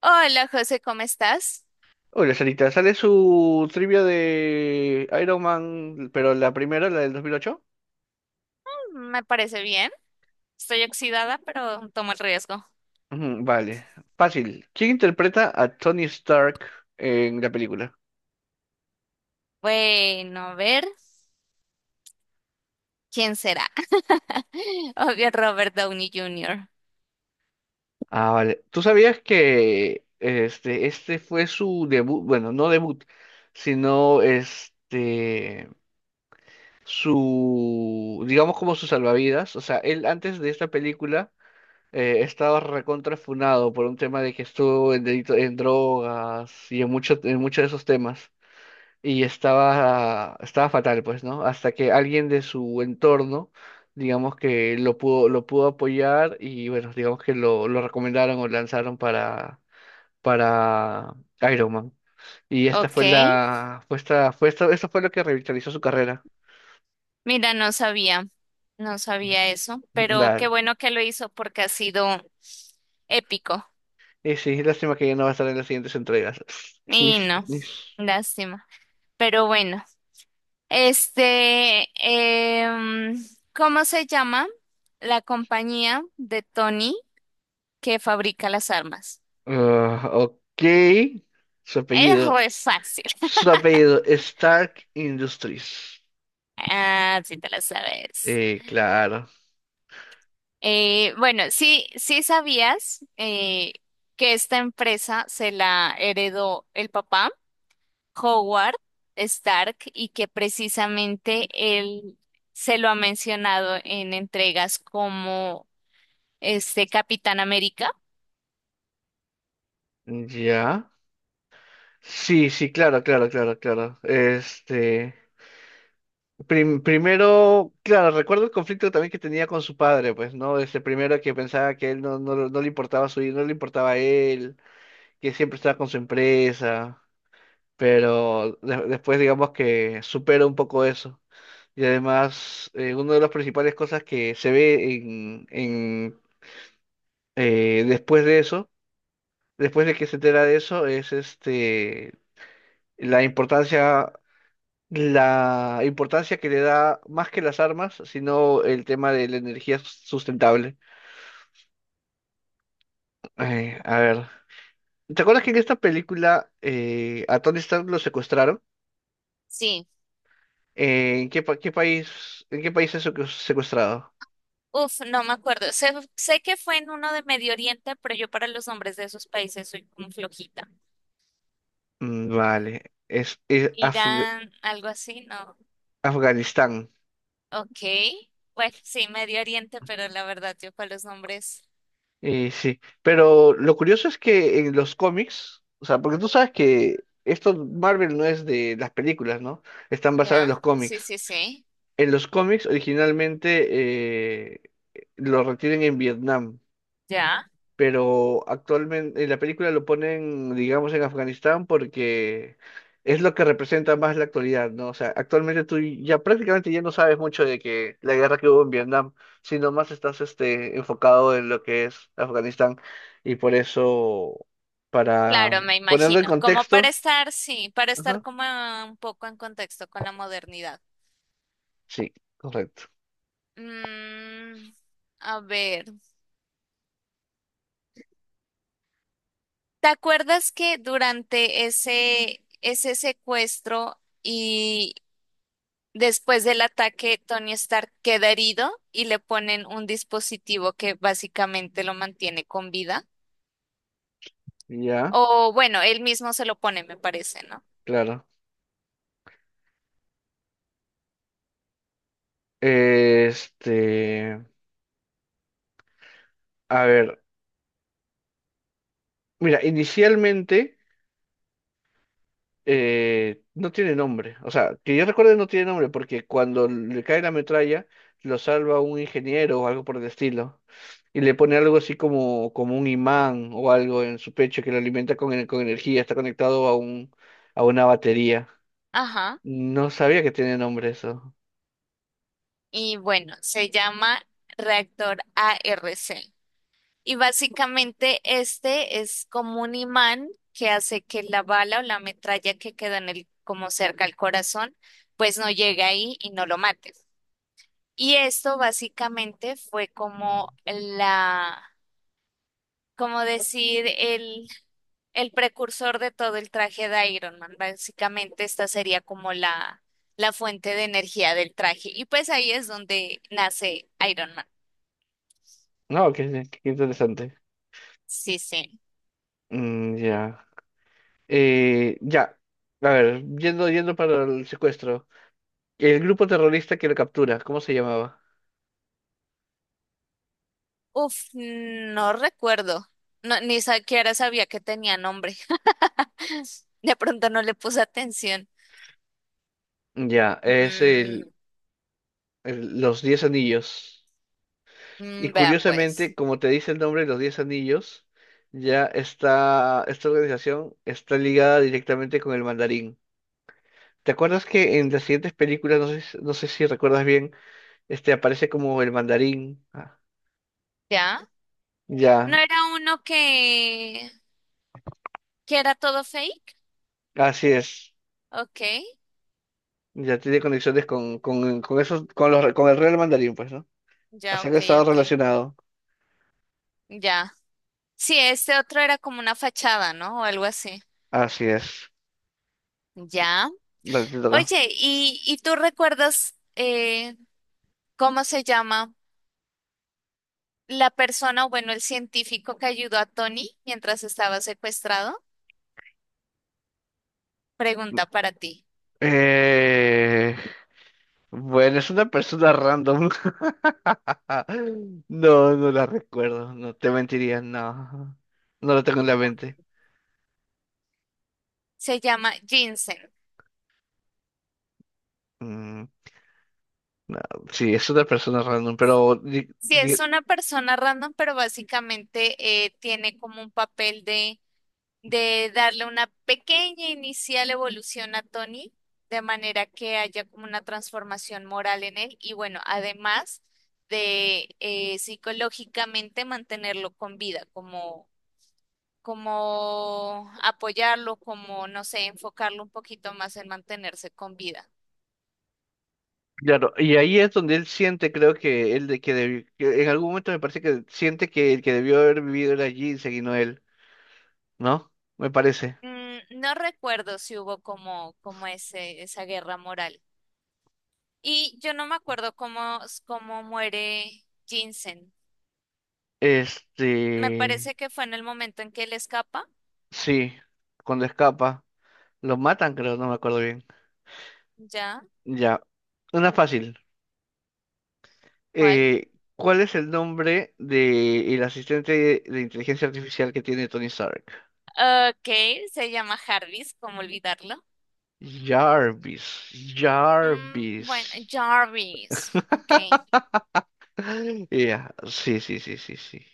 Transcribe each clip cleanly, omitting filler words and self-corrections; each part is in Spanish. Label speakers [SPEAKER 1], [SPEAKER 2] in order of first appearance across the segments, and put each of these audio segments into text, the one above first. [SPEAKER 1] Hola José, ¿cómo estás?
[SPEAKER 2] Hola, Sarita, ¿sale su trivia de Iron Man, pero la primera, la del 2008?
[SPEAKER 1] Me parece bien. Estoy oxidada, pero tomo el riesgo.
[SPEAKER 2] Vale, fácil. ¿Quién interpreta a Tony Stark en la película?
[SPEAKER 1] Bueno, a ver, ¿quién será? Obvio, Robert Downey Jr.
[SPEAKER 2] Ah, vale. ¿Tú sabías que este fue su debut? Bueno, no debut, sino su, digamos como su salvavidas. O sea, él antes de esta película estaba recontrafunado por un tema de que estuvo en drogas y en en muchos de esos temas. Y estaba fatal, pues, ¿no? Hasta que alguien de su entorno, digamos que lo pudo apoyar y bueno, digamos que lo recomendaron o lanzaron para Iron Man. Y esta
[SPEAKER 1] Ok,
[SPEAKER 2] fue la, fue esta- esto fue lo que revitalizó su carrera.
[SPEAKER 1] mira, no sabía eso, pero qué
[SPEAKER 2] Dale.
[SPEAKER 1] bueno que lo hizo porque ha sido épico.
[SPEAKER 2] Y sí, lástima que ya no va a estar en las siguientes entregas.
[SPEAKER 1] Y
[SPEAKER 2] Sniff,
[SPEAKER 1] no,
[SPEAKER 2] sniff.
[SPEAKER 1] lástima. Pero bueno, este, em, ¿cómo se llama la compañía de Tony que fabrica las armas?
[SPEAKER 2] Ah, ok. Su
[SPEAKER 1] Es
[SPEAKER 2] apellido.
[SPEAKER 1] re fácil.
[SPEAKER 2] Su apellido, Stark Industries.
[SPEAKER 1] Ah, sí te la sabes.
[SPEAKER 2] Claro.
[SPEAKER 1] Bueno, sí sabías que esta empresa se la heredó el papá, Howard Stark, y que precisamente él se lo ha mencionado en entregas como este Capitán América.
[SPEAKER 2] Ya. Sí, sí, claro, claro, claro, claro. Primero, claro, recuerdo el conflicto también que tenía con su padre, pues, ¿no? Este, primero que pensaba que él no le importaba su hijo, no le importaba a él, que siempre estaba con su empresa, pero después digamos que supera un poco eso. Y además, una de las principales cosas que se ve en después de eso, después de que se entera de eso, es este la importancia. La importancia que le da más que las armas, sino el tema de la sustentable. A ver, ¿te acuerdas que en esta película a Tony Stark lo secuestraron?
[SPEAKER 1] Sí.
[SPEAKER 2] Qué país, en qué país es secuestrado?
[SPEAKER 1] Uf, no me acuerdo. Sé que fue en uno de Medio Oriente, pero yo para los nombres de esos países soy como flojita.
[SPEAKER 2] Vale, es, es Afg-
[SPEAKER 1] Irán, algo así, no.
[SPEAKER 2] Afganistán.
[SPEAKER 1] Ok, bueno, sí, Medio Oriente, pero la verdad yo con los nombres.
[SPEAKER 2] Sí, pero lo curioso es que en los cómics, o sea, porque tú sabes que esto Marvel no es de las películas, ¿no? Están basadas en
[SPEAKER 1] Ya,
[SPEAKER 2] los
[SPEAKER 1] sí,
[SPEAKER 2] cómics.
[SPEAKER 1] sí, sí,
[SPEAKER 2] En los cómics originalmente lo retienen en Vietnam,
[SPEAKER 1] ya.
[SPEAKER 2] pero actualmente en la película lo ponen, digamos, en Afganistán porque es lo que representa más la actualidad, ¿no? O sea, actualmente tú ya prácticamente ya no sabes mucho de que la guerra que hubo en Vietnam, sino más estás este, enfocado en lo que es Afganistán y por eso, para
[SPEAKER 1] Claro, me
[SPEAKER 2] ponerlo en
[SPEAKER 1] imagino. Como para
[SPEAKER 2] contexto,
[SPEAKER 1] estar, sí, para estar
[SPEAKER 2] ajá,
[SPEAKER 1] como un poco en contexto con la modernidad.
[SPEAKER 2] sí, correcto,
[SPEAKER 1] Mm, a ver, ¿te acuerdas que durante ese secuestro y después del ataque, Tony Stark queda herido y le ponen un dispositivo que básicamente lo mantiene con vida?
[SPEAKER 2] ya,
[SPEAKER 1] O bueno, él mismo se lo pone, me parece, ¿no?
[SPEAKER 2] claro. Este. A ver, mira, inicialmente no tiene nombre. O sea, que yo recuerde no tiene nombre porque cuando le cae la metralla lo salva un ingeniero o algo por el estilo. Y le pone algo así como, como un imán o algo en su pecho que lo alimenta con energía. Está conectado a a una batería.
[SPEAKER 1] Ajá.
[SPEAKER 2] No sabía que tiene nombre eso.
[SPEAKER 1] Y bueno, se llama reactor ARC. Y básicamente este es como un imán que hace que la bala o la metralla que queda en el, como cerca al corazón, pues no llegue ahí y no lo mate. Y esto básicamente fue como como decir, el precursor de todo el traje de Iron Man. Básicamente esta sería como la fuente de energía del traje. Y pues ahí es donde nace Iron Man.
[SPEAKER 2] No, qué interesante.
[SPEAKER 1] Sí, sí.
[SPEAKER 2] Mm, ya. Ya. A ver, yendo para el secuestro. El grupo terrorista que lo captura, ¿cómo se llamaba?
[SPEAKER 1] Uf, no recuerdo. No, ni siquiera sabía que tenía nombre. De pronto no le puse atención.
[SPEAKER 2] Ya, es
[SPEAKER 1] Mm,
[SPEAKER 2] los Diez Anillos. Y
[SPEAKER 1] mm, vea pues.
[SPEAKER 2] curiosamente, como te dice el nombre, los Diez Anillos, ya está, esta organización está ligada directamente con el mandarín. ¿Te acuerdas que en las siguientes películas, no sé, no sé si recuerdas bien, este aparece como el mandarín? Ah,
[SPEAKER 1] ¿Ya? ¿No
[SPEAKER 2] ya,
[SPEAKER 1] era uno que era todo fake?
[SPEAKER 2] así es.
[SPEAKER 1] Ok,
[SPEAKER 2] Ya tiene conexiones con esos, con los, con el real mandarín, pues, ¿no?
[SPEAKER 1] ya,
[SPEAKER 2] Así que
[SPEAKER 1] ok,
[SPEAKER 2] está
[SPEAKER 1] ok.
[SPEAKER 2] relacionado.
[SPEAKER 1] Ya. Sí, este otro era como una fachada, ¿no? O algo así.
[SPEAKER 2] Así es.
[SPEAKER 1] Ya.
[SPEAKER 2] Dale, te toca.
[SPEAKER 1] Oye, ¿y tú recuerdas cómo se llama la persona, o bueno, el científico que ayudó a Tony mientras estaba secuestrado? Pregunta para ti.
[SPEAKER 2] Eh, bueno, es una persona random. Ah, no, no la recuerdo. No te mentiría, no. No lo tengo en la mente.
[SPEAKER 1] Se llama Jensen.
[SPEAKER 2] Mm, no, sí, es una persona random, pero
[SPEAKER 1] Sí, es una persona random, pero básicamente tiene como un papel de darle una pequeña inicial evolución a Tony, de manera que haya como una transformación moral en él y bueno, además de psicológicamente mantenerlo con vida, como, como apoyarlo, como, no sé, enfocarlo un poquito más en mantenerse con vida.
[SPEAKER 2] claro, y ahí es donde él siente, creo que él de que, que en algún momento me parece que siente que el que debió haber vivido era Ginseng y no él, ¿no? Me parece.
[SPEAKER 1] Mm, no recuerdo si hubo como, como esa guerra moral. Y yo no me acuerdo cómo muere Jensen. Me
[SPEAKER 2] Este,
[SPEAKER 1] parece que fue en el momento en que él escapa.
[SPEAKER 2] sí, cuando escapa, lo matan, creo, no me acuerdo bien.
[SPEAKER 1] ¿Ya?
[SPEAKER 2] Ya, una fácil.
[SPEAKER 1] ¿Cuál?
[SPEAKER 2] Eh, ¿Cuál es el nombre de el asistente de inteligencia artificial que tiene Tony Stark?
[SPEAKER 1] Ok, se llama Jarvis, ¿cómo olvidarlo?
[SPEAKER 2] Jarvis,
[SPEAKER 1] Mm, bueno,
[SPEAKER 2] Jarvis.
[SPEAKER 1] Jarvis. Ok.
[SPEAKER 2] Ya, sí, sí, sí, sí, sí.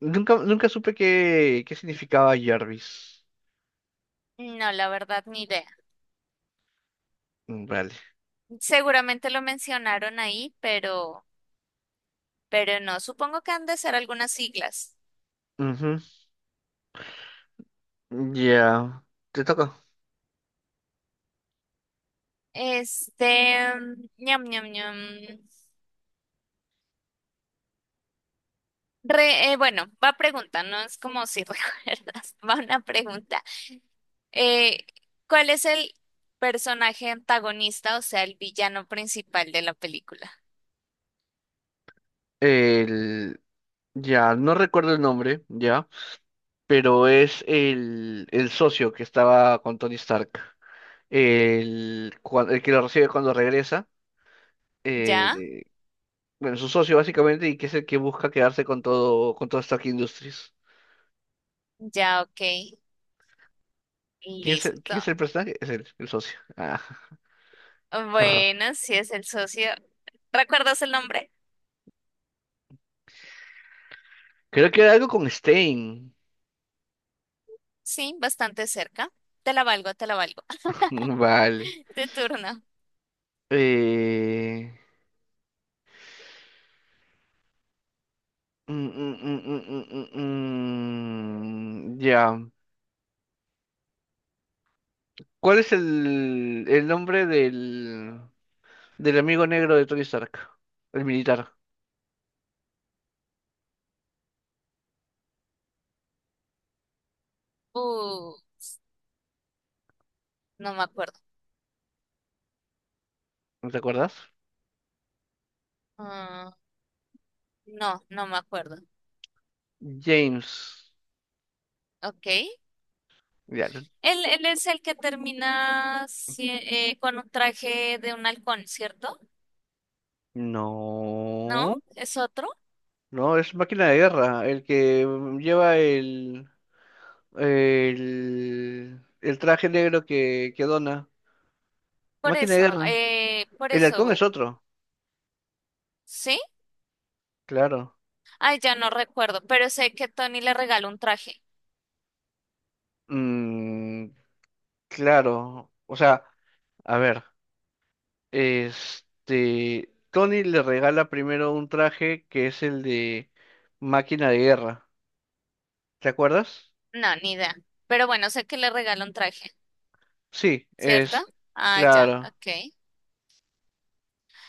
[SPEAKER 2] Nunca supe qué significaba Jarvis.
[SPEAKER 1] No, la verdad, ni idea.
[SPEAKER 2] Mm, vale.
[SPEAKER 1] Seguramente lo mencionaron ahí, pero no. Supongo que han de ser algunas siglas.
[SPEAKER 2] Ujú. Ya, te toca.
[SPEAKER 1] Este, ñam, ñam, ñam. Bueno, va a preguntar. No es como si recuerdas, va una pregunta. Eh, ¿Cuál es el personaje antagonista, o sea, el villano principal de la película?
[SPEAKER 2] El, ya, no recuerdo el nombre, ya, pero es el socio que estaba con Tony Stark. El que lo recibe cuando regresa.
[SPEAKER 1] ¿Ya?
[SPEAKER 2] eh, bueno, su socio básicamente, y que es el que busca quedarse con todo Stark Industries.
[SPEAKER 1] Ya, ok.
[SPEAKER 2] ¿Quién es quién
[SPEAKER 1] Listo.
[SPEAKER 2] es el personaje? Es el socio. Ah, arr.
[SPEAKER 1] Bueno, sí es el socio. ¿Recuerdas el nombre?
[SPEAKER 2] Creo que era algo con Stein.
[SPEAKER 1] Sí, bastante cerca. Te la valgo, te la valgo.
[SPEAKER 2] Vale.
[SPEAKER 1] Tu turno.
[SPEAKER 2] Eh, ya. ¿Cuál es el nombre del amigo negro de Tony Stark? El militar.
[SPEAKER 1] Uh, no me acuerdo.
[SPEAKER 2] ¿No te acuerdas?
[SPEAKER 1] Ah, no, no me acuerdo.
[SPEAKER 2] James.
[SPEAKER 1] Ok.
[SPEAKER 2] Ya.
[SPEAKER 1] Él es el que termina con un traje de un halcón, ¿cierto? ¿No?
[SPEAKER 2] No.
[SPEAKER 1] ¿Es otro?
[SPEAKER 2] No, es máquina de guerra, el que lleva el traje negro que dona. Máquina de guerra.
[SPEAKER 1] Por
[SPEAKER 2] El halcón es
[SPEAKER 1] eso,
[SPEAKER 2] otro,
[SPEAKER 1] ¿sí?
[SPEAKER 2] claro.
[SPEAKER 1] Ay, ya no recuerdo, pero sé que Tony le regala un traje.
[SPEAKER 2] Mm, claro, o sea, a ver, este, Tony le regala primero un traje que es el de máquina de guerra, ¿te acuerdas?
[SPEAKER 1] No, ni idea. Pero bueno, sé que le regala un traje,
[SPEAKER 2] Sí,
[SPEAKER 1] ¿cierto?
[SPEAKER 2] es,
[SPEAKER 1] Ah, ya,
[SPEAKER 2] claro,
[SPEAKER 1] ok.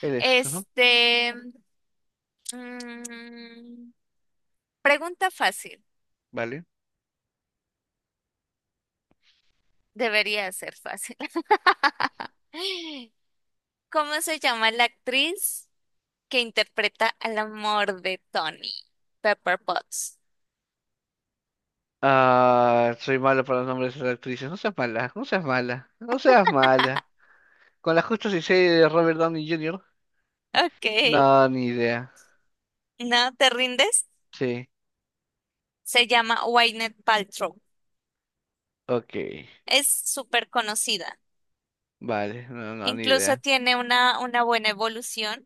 [SPEAKER 2] él es, ajá,
[SPEAKER 1] Este, mm, Pregunta fácil,
[SPEAKER 2] vale.
[SPEAKER 1] debería ser fácil. ¿Cómo se llama la actriz que interpreta al amor de Tony, Pepper Potts?
[SPEAKER 2] Ah, soy malo para los nombres de las actrices. No seas mala, no seas mala, no seas mala. Con la justa y seria de Robert Downey Jr.
[SPEAKER 1] Ok,
[SPEAKER 2] No, ni idea.
[SPEAKER 1] ¿no te rindes?
[SPEAKER 2] Sí,
[SPEAKER 1] Se llama Gwyneth Paltrow.
[SPEAKER 2] ok.
[SPEAKER 1] Es súper conocida.
[SPEAKER 2] Vale, no, no, ni
[SPEAKER 1] Incluso
[SPEAKER 2] idea.
[SPEAKER 1] tiene una buena evolución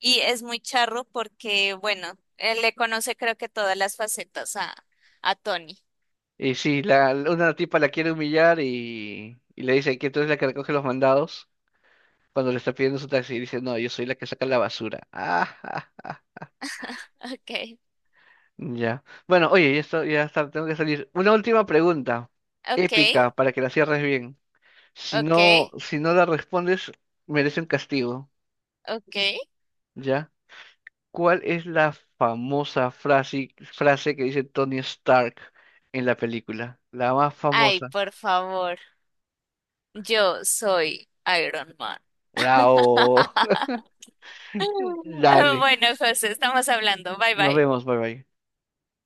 [SPEAKER 1] y es muy charro porque, bueno, él le conoce creo que todas las facetas a Tony.
[SPEAKER 2] Y sí, una tipa la quiere humillar y le dice que tú eres la que recoge los mandados cuando le está pidiendo su taxi. Y dice, no, yo soy la que saca la basura. Ah, ja, ja.
[SPEAKER 1] Ok,
[SPEAKER 2] Ya. Bueno, oye, ya está, tengo que salir. Una última pregunta,
[SPEAKER 1] ok,
[SPEAKER 2] épica, para que la cierres bien. Si
[SPEAKER 1] ok,
[SPEAKER 2] no, si no la respondes, merece un castigo,
[SPEAKER 1] ok.
[SPEAKER 2] ¿ya? ¿Cuál es la famosa frase que dice Tony Stark en la película? La más
[SPEAKER 1] Ay,
[SPEAKER 2] famosa.
[SPEAKER 1] por favor, yo soy Iron Man.
[SPEAKER 2] ¡Bravo! Dale.
[SPEAKER 1] Bueno, José, estamos hablando. Bye
[SPEAKER 2] Nos
[SPEAKER 1] bye.
[SPEAKER 2] vemos, bye bye.